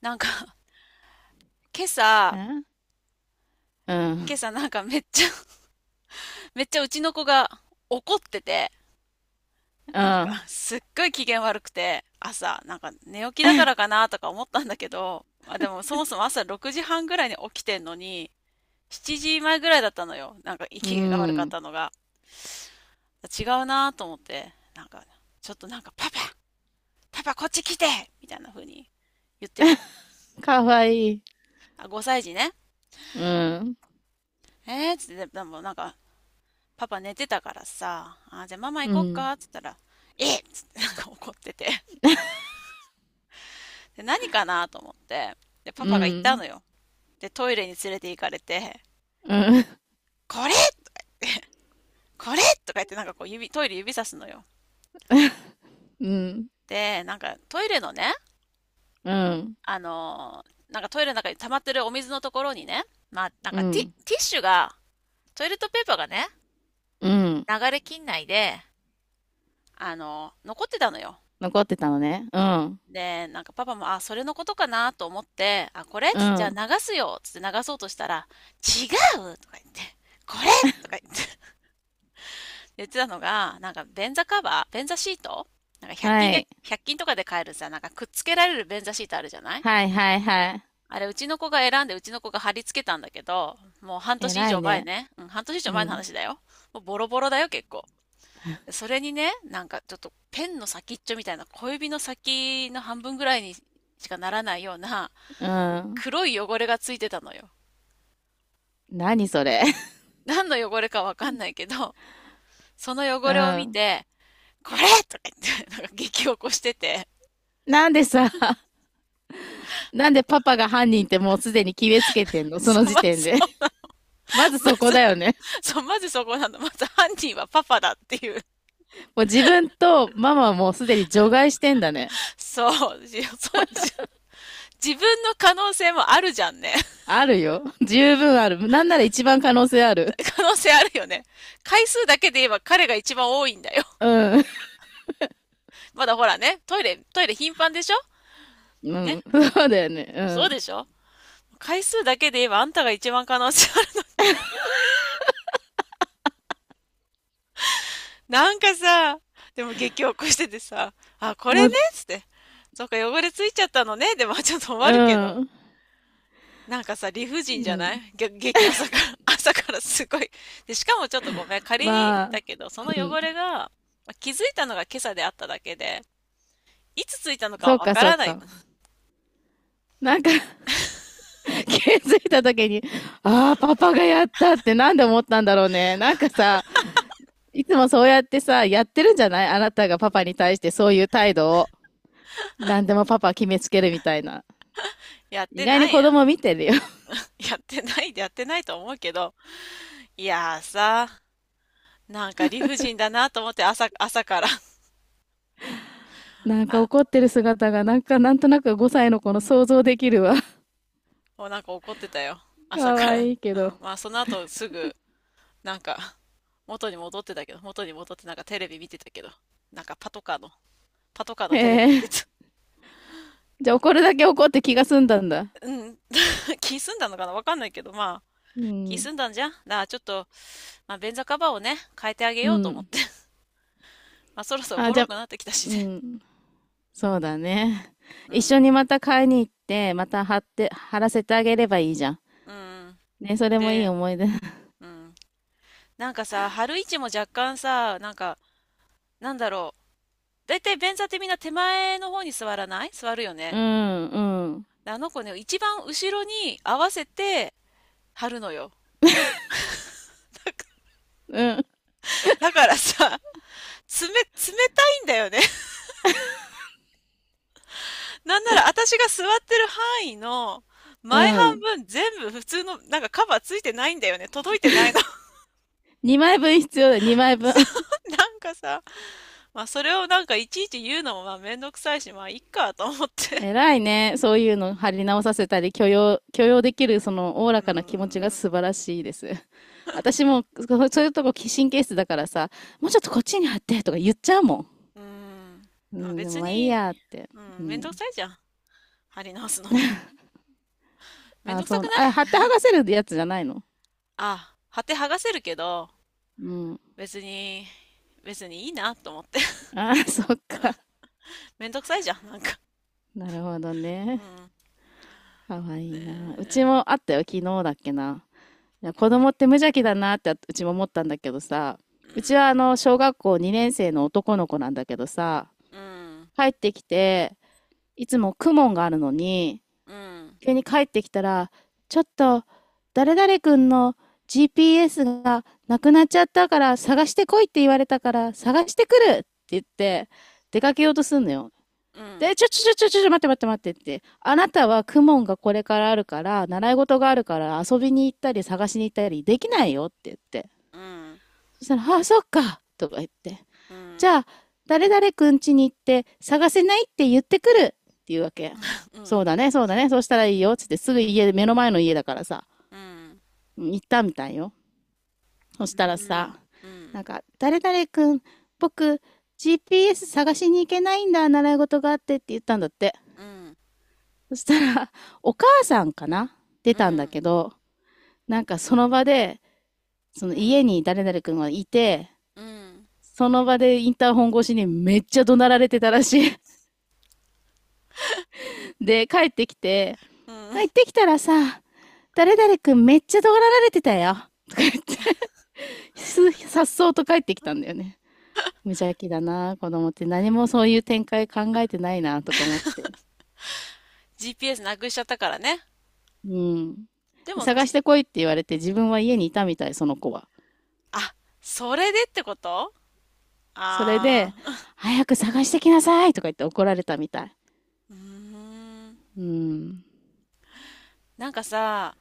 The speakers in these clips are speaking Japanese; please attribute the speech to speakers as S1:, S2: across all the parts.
S1: なんか、今朝、
S2: えう
S1: 今
S2: ん。
S1: 朝めっちゃ、めっちゃうちの子が怒ってて、
S2: う
S1: なん
S2: ん。
S1: かすっごい機嫌悪くて、朝、なんか寝起きだからかなとか思ったんだけど、まあでもそもそも朝6時半ぐらいに起きてんのに、7時前ぐらいだったのよ。なんか
S2: う
S1: 機嫌が悪かっ
S2: ん。
S1: たのが。違うなと思って、ちょっとなんかパパ、パパこっち来てみたいな風に言ってて。
S2: かわいい。
S1: あ、5歳児ね。
S2: うん。
S1: えーっつって、でもなんか、パパ寝てたからさ、あ、じゃあママ行
S2: う
S1: こっ
S2: ん。
S1: かっつったら、えっつってなんか怒ってて。で、何かなと思って。で、パ
S2: う
S1: パが行った
S2: ん。
S1: のよ。で、トイレに連れて行かれて、
S2: うん。
S1: これこれとか言ってなんかこう指、トイレ指さすのよ。
S2: うん。
S1: で、なんかトイレのね、
S2: うん。
S1: なんかトイレの中に溜まってるお水のところにね、まあ、
S2: うん。
S1: ティッシュが、トイレットペーパーがね、
S2: うん。
S1: 流れきんで、残ってたのよ。
S2: 残ってたのね。うん。
S1: で、なんかパパも、あ、それのことかなと思って、あ、これ
S2: う
S1: つってじゃあ流
S2: ん。
S1: すよつって流そうとしたら、違うとか言って、これとか言って 言ってたのが、便座シートなんか
S2: は
S1: 100均で、
S2: い。
S1: 1均とかで買えるさ、なんかくっつけられる便座シートあるじゃない
S2: はいはいはい。
S1: あれ、うちの子が選んで、うちの子が貼り付けたんだけど、もう半年以
S2: 偉い
S1: 上前
S2: ね。
S1: ね。うん、半年以上
S2: う
S1: 前の
S2: ん。
S1: 話だよ。もうボロボロだよ、結構。でそれにね、なんかちょっとペンの先っちょみたいな、小指の先の半分ぐらいにしかならないような、
S2: うん。
S1: 黒い汚れがついてたのよ。
S2: 何それ。
S1: 何の汚れかわかんないけど、その
S2: う
S1: 汚れを見
S2: ん。
S1: て、これとか言って、なんか激怒してて、
S2: なんでさ、なんでパパが犯人ってもうすでに決めつけてんの、そ
S1: そ
S2: の
S1: う、
S2: 時
S1: ま、
S2: 点
S1: ず
S2: で。まず
S1: ま
S2: そこ
S1: ず、
S2: だよね。
S1: そう、まずそこなの。まず犯人はパパだっていう。
S2: もう自分とママはもうすでに除外してんだね。
S1: そう、そう、自分の可能性もあるじゃんね。
S2: あるよ。十分ある。なんなら一番可能性ある。
S1: 可能性あるよね。回数だけで言えば彼が一番多いんだよ。
S2: うん。
S1: まだほらね、トイレ頻繁でしょ？
S2: う
S1: ね。
S2: ん。そうだよね。
S1: そう
S2: う
S1: でしょ？回数だけで言えばあんたが一番可能性、なんかさ、でも激起こしててさ、あ、こ
S2: ん。も
S1: れ
S2: う、
S1: ねっつって。そっか、汚れついちゃったのね。でも、まあちょっと終わるけど。
S2: うん。
S1: なんかさ、理不
S2: う
S1: 尽じゃな
S2: ん。
S1: いげ、激、朝から、朝からすごい。で、しかもちょっとごめん。仮に、
S2: まあ、
S1: だけど、その
S2: う
S1: 汚れ
S2: ん。
S1: が、まあ気づいたのが今朝であっただけで、いつついたのか
S2: そ
S1: は
S2: う
S1: わ
S2: か、
S1: か
S2: そう
S1: らない
S2: か。
S1: の。
S2: なんか、気づいた時に、ああ、パパがやったってなんで思ったんだろうね。なんかさ、いつもそうやってさ、やってるんじゃない、あなたがパパに対してそういう態度を。何でもパパ決めつけるみたいな。
S1: やっ
S2: 意
S1: て
S2: 外に
S1: ない
S2: 子
S1: やん。
S2: 供見てるよ。
S1: やってないでやってないと思うけど。いやーさ、なんか理不尽だなと思って朝から。
S2: なんか 怒ってる姿が、なんかなんとなく5歳の子の想像できるわ。
S1: もうなんか怒ってたよ。朝
S2: 可
S1: から。
S2: 愛いいけ
S1: う
S2: ど。
S1: ん。まあその後すぐ、なんか、元に戻ってたけど、元に戻ってなんかテレビ見てたけど、なんかパトカーの、パトカー
S2: へ
S1: のテレビ見て
S2: え。
S1: た。
S2: じゃあ怒るだけ怒って気が済んだんだ。
S1: うん。気済んだのかなわかんないけど、まあ、
S2: う
S1: 気
S2: ん。
S1: 済んだんじゃんだからちょっと、まあ便座カバーをね、変えてあげ
S2: う
S1: ようと思っ
S2: ん。
S1: て。まあそろそろボ
S2: あ、じ
S1: ロ
S2: ゃ
S1: く
S2: あ、
S1: なってきた
S2: う
S1: しね。
S2: ん。そうだね。
S1: う
S2: 一緒
S1: ん。
S2: にまた買いに行って、また貼って、貼らせてあげればいいじゃん。
S1: うん。
S2: ね、そ
S1: それ
S2: れもいい
S1: で、
S2: 思い出。
S1: うん。なんかさ、春市も若干さ、なんだろう。だいたい便座ってみんな手前の方に座らない座るよ
S2: うん、
S1: ね。
S2: うん、
S1: あの子ね、一番後ろに合わせて貼るのよ。だか
S2: うん、
S1: らさ、冷たいんだよね。なんなら私が座ってる範囲の
S2: う
S1: 前半
S2: ん。
S1: 分全部普通の、なんかカバーついてないんだよね。届いてないの。
S2: 2枚分必要だ、2 枚分。
S1: そ う、なんかさ、まあそれをなんかいちいち言うのもまあめんどくさいし、まあいっかと思って。
S2: 偉いね。そういうの貼り直させたり、許容できる、その、おお
S1: う
S2: らかな気持ちが
S1: ーん。
S2: 素晴らしいです。私もそういうとこ神経質だからさ、もうちょっとこっちに貼ってとか言っちゃうも
S1: うーん。
S2: ん。う
S1: まあ
S2: ん、で
S1: 別
S2: もまあいい
S1: に、
S2: やって。
S1: う
S2: う
S1: ん、めんどく
S2: ん。
S1: さいじゃん。貼り直すのも。めん
S2: あ、
S1: どくさ
S2: そ
S1: く
S2: う、
S1: ない？
S2: あ、貼って剥がせるやつじゃないの？
S1: ああ、貼って剥がせるけど、
S2: うん。
S1: 別に、別にいいなと思って。
S2: あ、そっか。
S1: めんどくさいじゃん、なんか。
S2: なるほど
S1: う
S2: ね。
S1: ん。
S2: かわいいな。うち
S1: えー、
S2: もあったよ、昨日だっけな。いや、子供って無邪気だなってうちも思ったんだけどさ、
S1: う
S2: うちはあの、小学校2年生の男の子なんだけどさ、
S1: ん、
S2: 帰ってきて、いつもクモンがあるのに、
S1: うん、うん、
S2: 急に帰ってきたら、ちょっと、誰々くんの GPS がなくなっちゃったから探してこいって言われたから探してくるって言って出かけようとすんのよ。
S1: うん、
S2: で、ちょちょちょちょちょ、待って待って待ってって。あなたはクモンがこれからあるから、習い事があるから遊びに行ったり探しに行ったりできないよって言って。
S1: うん、
S2: そしたら、ああ、そっかとか言って。
S1: うん、う
S2: じ
S1: ん、
S2: ゃあ、誰々くん家に行って探せないって言ってくるっていうわけ。
S1: う
S2: そ
S1: ん、
S2: うだね、そうだね、そうしたらいいよ、つってすぐ家で、目の前の家だからさ、
S1: うん、
S2: 行ったみたいよ。そしたら
S1: うん、
S2: さ、
S1: うん、
S2: なんか、誰々くん、僕、GPS 探しに行けないんだ、習い事があってって言ったんだって。
S1: うん、
S2: そしたら、お母さんかな出
S1: う
S2: たんだ
S1: ん、
S2: けど、なんかその場で、その家に誰々くんはいて、
S1: うん、
S2: その場でインターホン越しにめっちゃ怒鳴られてたらしい。で、帰ってきて、
S1: うん。
S2: 行ってきたらさ、誰々くんめっちゃ怒られてたよ、とか言ってさっそうと帰ってきたんだよね。無邪気だな、子供って。何もそういう展開考えてないな、とか思って。
S1: GPS なくしちゃったからね。
S2: うん。
S1: でも、
S2: 探
S1: じ、
S2: してこいって言われて自分は家にいたみたい、その子は。
S1: あ、それでってこと？
S2: それ
S1: あ
S2: で、
S1: あ
S2: 早く探してきなさいとか言って怒られたみたい。
S1: ー、うーん。
S2: うん。
S1: なんかさ、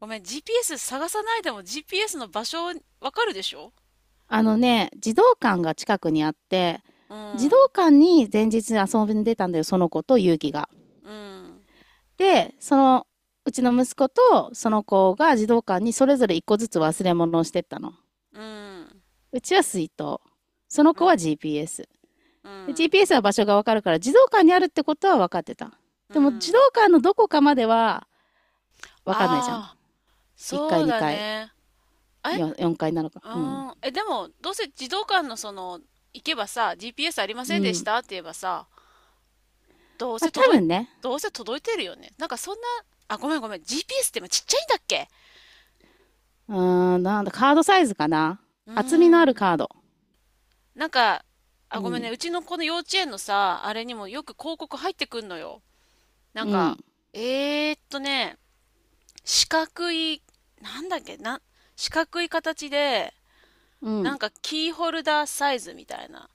S1: ごめん、GPS 探さないでも GPS の場所わかるでしょ？
S2: あのね、児童館が近くにあって、
S1: う
S2: 児童
S1: ん、
S2: 館に前日遊んでたんだよ、その子と勇気が。
S1: うん。
S2: で、その、うちの息子とその子が児童館にそれぞれ一個ずつ忘れ物をしてったの。
S1: うん、
S2: うちは水筒。その
S1: う
S2: 子は
S1: ん、
S2: GPS。
S1: う
S2: で
S1: ん、
S2: GPS は場所がわかるから、児童館にあるってことは分かってた。
S1: う
S2: でも、児
S1: ん。
S2: 童館のどこかまでは分かんないじゃん。
S1: ああ、
S2: 1
S1: そ
S2: 階、
S1: うだ
S2: 2階、
S1: ね。え、
S2: 4階なのか。
S1: う
S2: うん。
S1: ん、え、でも、どうせ児童館のその、行けばさ、GPS ありま
S2: う
S1: せんでし
S2: ん。
S1: たって言えばさ、どう
S2: まあ、
S1: せ
S2: 多
S1: 届い、
S2: 分ね。
S1: どうせ届いてるよね。なんかそんな、あ、ごめんごめん、GPS って今ちっちゃいんだっけ？
S2: うーん、なんだ、カードサイズかな。
S1: うー
S2: 厚みのある
S1: ん、
S2: カード。
S1: なんか、あ、
S2: う
S1: ごめんね、
S2: ん。
S1: うちの子の幼稚園のさ、あれにもよく広告入ってくんのよ。なん
S2: う
S1: か、
S2: ん。
S1: ね、四角い、なんだっけ、な、四角い形で、
S2: う
S1: な
S2: ん。
S1: んかキーホルダーサイズみたいな。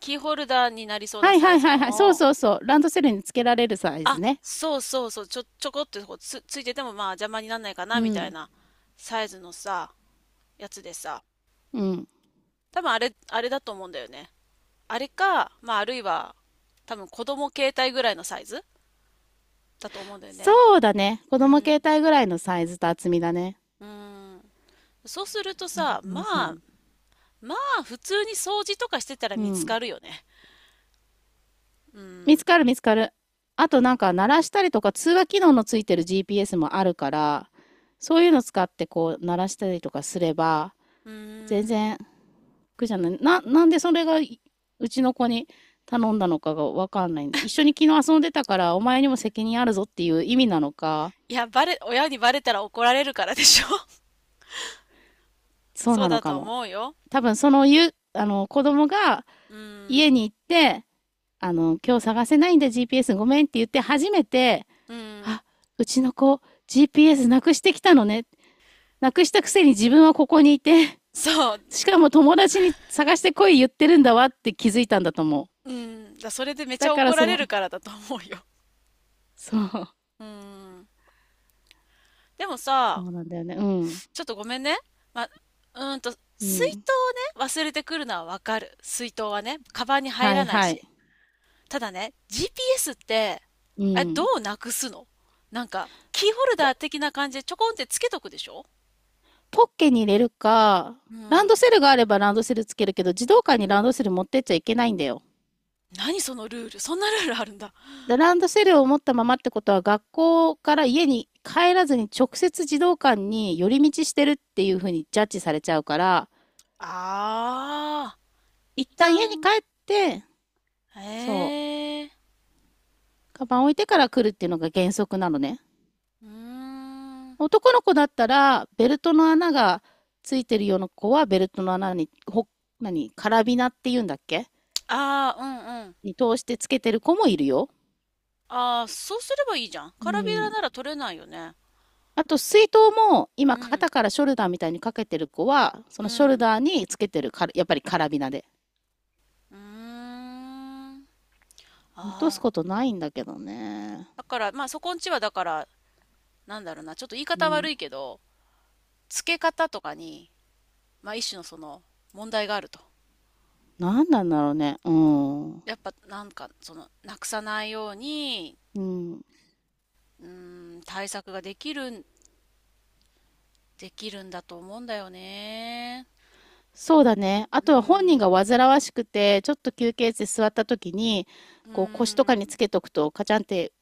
S1: キーホルダーになりそうな
S2: はい
S1: サ
S2: は
S1: イ
S2: い
S1: ズ
S2: はいはい。そ
S1: の
S2: う
S1: を、
S2: そうそう。ランドセルにつけられるサイ
S1: あ、
S2: ズね。
S1: そうそうそう、ちょこっとついててもまあ邪魔にならないかな
S2: う
S1: みたい
S2: ん。
S1: なサイズのさ、やつでさ、
S2: うん。
S1: 多分あれ、あれだと思うんだよね。あれか、まああるいは多分子供携帯ぐらいのサイズだと思うんだよね。
S2: そうだね。子
S1: う
S2: 供携
S1: ん。
S2: 帯ぐらいのサイズと厚みだね。
S1: うん。そうすると
S2: そう
S1: さ、
S2: そ
S1: ま
S2: うそ
S1: あ、
S2: う。
S1: まあ普通に掃除とかしてたら
S2: う
S1: 見つ
S2: ん。
S1: かるよね。う
S2: 見
S1: ん。
S2: つかる見つかる。あとなんか鳴らしたりとか通話機能のついてる GPS もあるから、そういうの使ってこう鳴らしたりとかすれば、
S1: う
S2: 全
S1: ん。
S2: 然苦じゃない。なんでそれが、うちの子に頼んだのかがわかんないんで、一緒に昨日遊んでたからお前にも責任あるぞっていう意味なのか、
S1: 親にバレたら怒られるからでしょ？
S2: そう
S1: そう
S2: なの
S1: だ
S2: か
S1: と
S2: も。
S1: 思うよ。
S2: 多分、そのゆ、あの、子供が
S1: うん。
S2: 家に行って、あの、今日探せないんだ GPS ごめんって言って初めて、
S1: うん。
S2: あ、うちの子 GPS なくしてきたのね、なくしたくせに自分はここにいて、
S1: そう。
S2: しかも友達に探してこい言ってるんだわって気づいたんだと思う。
S1: うん。だ、それでめち
S2: だ
S1: ゃ
S2: から
S1: 怒ら
S2: そ
S1: れる
S2: の、
S1: からだと思うよ。
S2: そう、
S1: うん。でも
S2: そ
S1: さ、
S2: うなんだよね。うん。
S1: ちょっとごめんね。うーんと、
S2: う
S1: 水
S2: ん。
S1: 筒をね、忘れてくるのはわかる。水筒はね、カバンに入
S2: は
S1: ら
S2: い
S1: ない
S2: はい。
S1: し。ただね、GPS って、
S2: う
S1: あれ、ど
S2: ん。
S1: うなくすの？なんか、キーホル
S2: ポ、
S1: ダー的な感じでちょこんってつけとくでしょ？
S2: ポッケに入れるか、
S1: う
S2: ランド
S1: ん。
S2: セルがあればランドセルつけるけど、児童館にランドセル持ってっちゃいけないんだよ。
S1: 何そのルール？そんなルールあるんだ。
S2: ランドセルを持ったままってことは学校から家に帰らずに直接児童館に寄り道してるっていうふうにジャッジされちゃうから、
S1: ああ。
S2: 一
S1: 一
S2: 旦家に
S1: 旦、
S2: 帰って、
S1: へ
S2: そう、
S1: え、
S2: カバン置いてから来るっていうのが原則なのね。
S1: うーん。
S2: 男の子だったらベルトの穴がついてるような子はベルトの穴に、何、カラビナっていうんだっけ、
S1: ああ、うんうん。
S2: に通してつけてる子もいるよ。
S1: ああ、そうすればいいじゃん。カ
S2: う
S1: ラビラ
S2: ん、
S1: なら取れないよね。
S2: あと水筒も今
S1: うん、
S2: 肩からショルダーみたいにかけてる子はそ
S1: う
S2: のショル
S1: ん、
S2: ダーにつけてるから、やっぱりカラビナで。
S1: うーん。あ
S2: 落とす
S1: あ、
S2: ことないんだけどね。
S1: だから、まあそこんちはだから、なんだろうな、ちょっと言い
S2: う
S1: 方悪
S2: ん。
S1: いけど、付け方とかに、まあ一種のその問題があると。
S2: なんなんだろうね。うん。
S1: やっぱなんか、その、なくさないように、
S2: うん。
S1: うーん、対策ができるん、できるんだと思うんだよね。
S2: そうだね。あ
S1: うー
S2: とは本人が
S1: ん。
S2: 煩わしくて、ちょっと休憩室で座った時に、
S1: うー
S2: こう腰とかにつ
S1: ん。
S2: けとくとカチャンって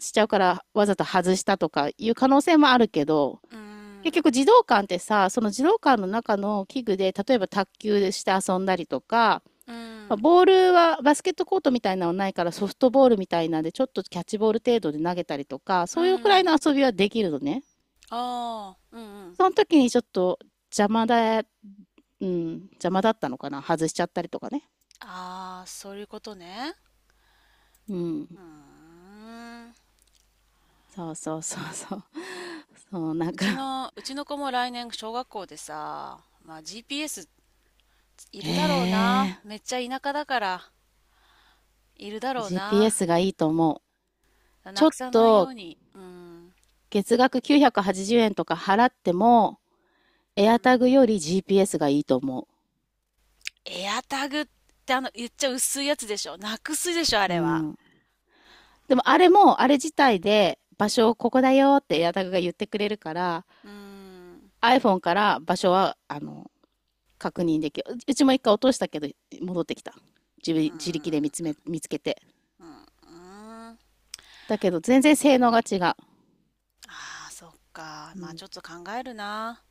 S2: しちゃうからわざと外したとかいう可能性もあるけど、
S1: うー
S2: 結
S1: ん、
S2: 局児童館ってさ、その児童館の中の器具で、例えば卓球して遊んだりとか、
S1: う
S2: まあ
S1: ん、
S2: ボールはバスケットコートみたいなのはないからソフトボールみたいなんでちょっとキャッチボール程度で投げたりとか
S1: うん、
S2: そういうく
S1: う
S2: らいの
S1: ん。
S2: 遊びはできるのね。
S1: ああ、うんうん。
S2: その時にちょっと邪魔だ、う邪魔だったのかな、外しちゃったりとかね。
S1: ああ、そういうことね。
S2: う
S1: う
S2: ん。
S1: ーん。
S2: そうそうそうそう。 そうなんか、
S1: うちの子も来年小学校でさ、まあ GPS い
S2: へ
S1: るだろう
S2: え。
S1: な。めっちゃ田舎だから、いるだろうな。
S2: GPS がいいと思う。ちょ
S1: な
S2: っ
S1: くさないよ
S2: と
S1: うに。うん。
S2: 月額980円とか払っても
S1: うん。
S2: AirTag より GPS がいいと思
S1: エアタグってあの、言っちゃ薄いやつでしょ。なくすでしょ、あ
S2: う。う
S1: れは。
S2: ん、でもあれも、あれ自体で場所をここだよってエアタグが言ってくれるから、
S1: うーん。
S2: iPhone から場所は、あの、確認できる。うちも一回落としたけど、戻ってきた。自
S1: うー
S2: 自力で
S1: ん。
S2: 見つけて。
S1: うん。うん。
S2: だけど、全然性能が違う。
S1: ああ、そっか。
S2: うん、
S1: まあ
S2: い
S1: ちょっと考えるな。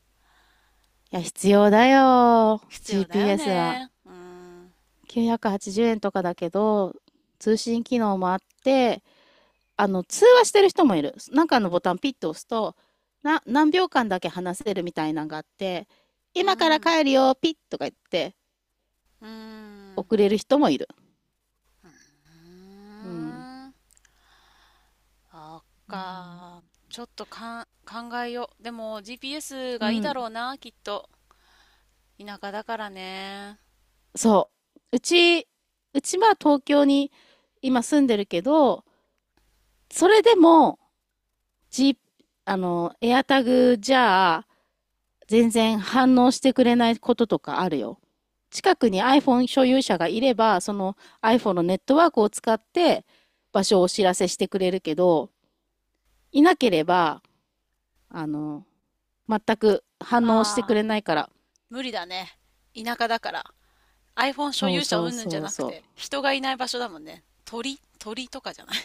S2: や、必要だよ。
S1: 必要だよ
S2: GPS は。
S1: ね。うーん。
S2: 980円とかだけど、通信機能もあって、あの、通話してる人もいる。なんかのボタンピッと押すと、何秒間だけ話せるみたいなのがあって、
S1: うー
S2: 今から
S1: ん。
S2: 帰るよ、ピッとか言って、
S1: うーん。
S2: 遅れる人もいる。
S1: うー
S2: うん。
S1: ん。あっか。ちょっとかん、考えよう。でも GPS
S2: う
S1: がいいだ
S2: ん。
S1: ろうな、きっと。田舎だからね。
S2: そう。うち、うちは東京に今住んでるけど、それでも、G、あの、エアタグじゃあ、全然反応してくれないこととかあるよ。近くに iPhone 所有者がいれば、その iPhone のネットワークを使って場所をお知らせしてくれるけど、いなければ、あの、全く反応してく
S1: ああ、
S2: れないから。
S1: 無理だね。田舎だから。iPhone 所
S2: そう
S1: 有者
S2: そう
S1: 云々じゃ
S2: そう
S1: なく
S2: そ
S1: て、人がいない場所だもんね。鳥とかじゃない。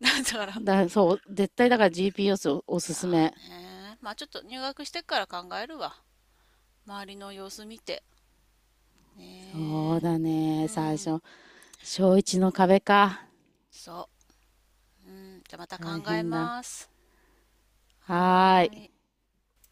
S1: だから。
S2: う。だ、そう、絶対だから GPS、 おすす
S1: だ
S2: め。
S1: ね。まあちょっと入学してから考えるわ。周りの様子見て。
S2: そう
S1: ね
S2: だ
S1: え。う
S2: ね。最
S1: ん。
S2: 初、小一の壁か。
S1: そう。うん、じゃあまた
S2: 大
S1: 考え
S2: 変だ。
S1: ます。
S2: は
S1: は
S2: ーい。
S1: ーい。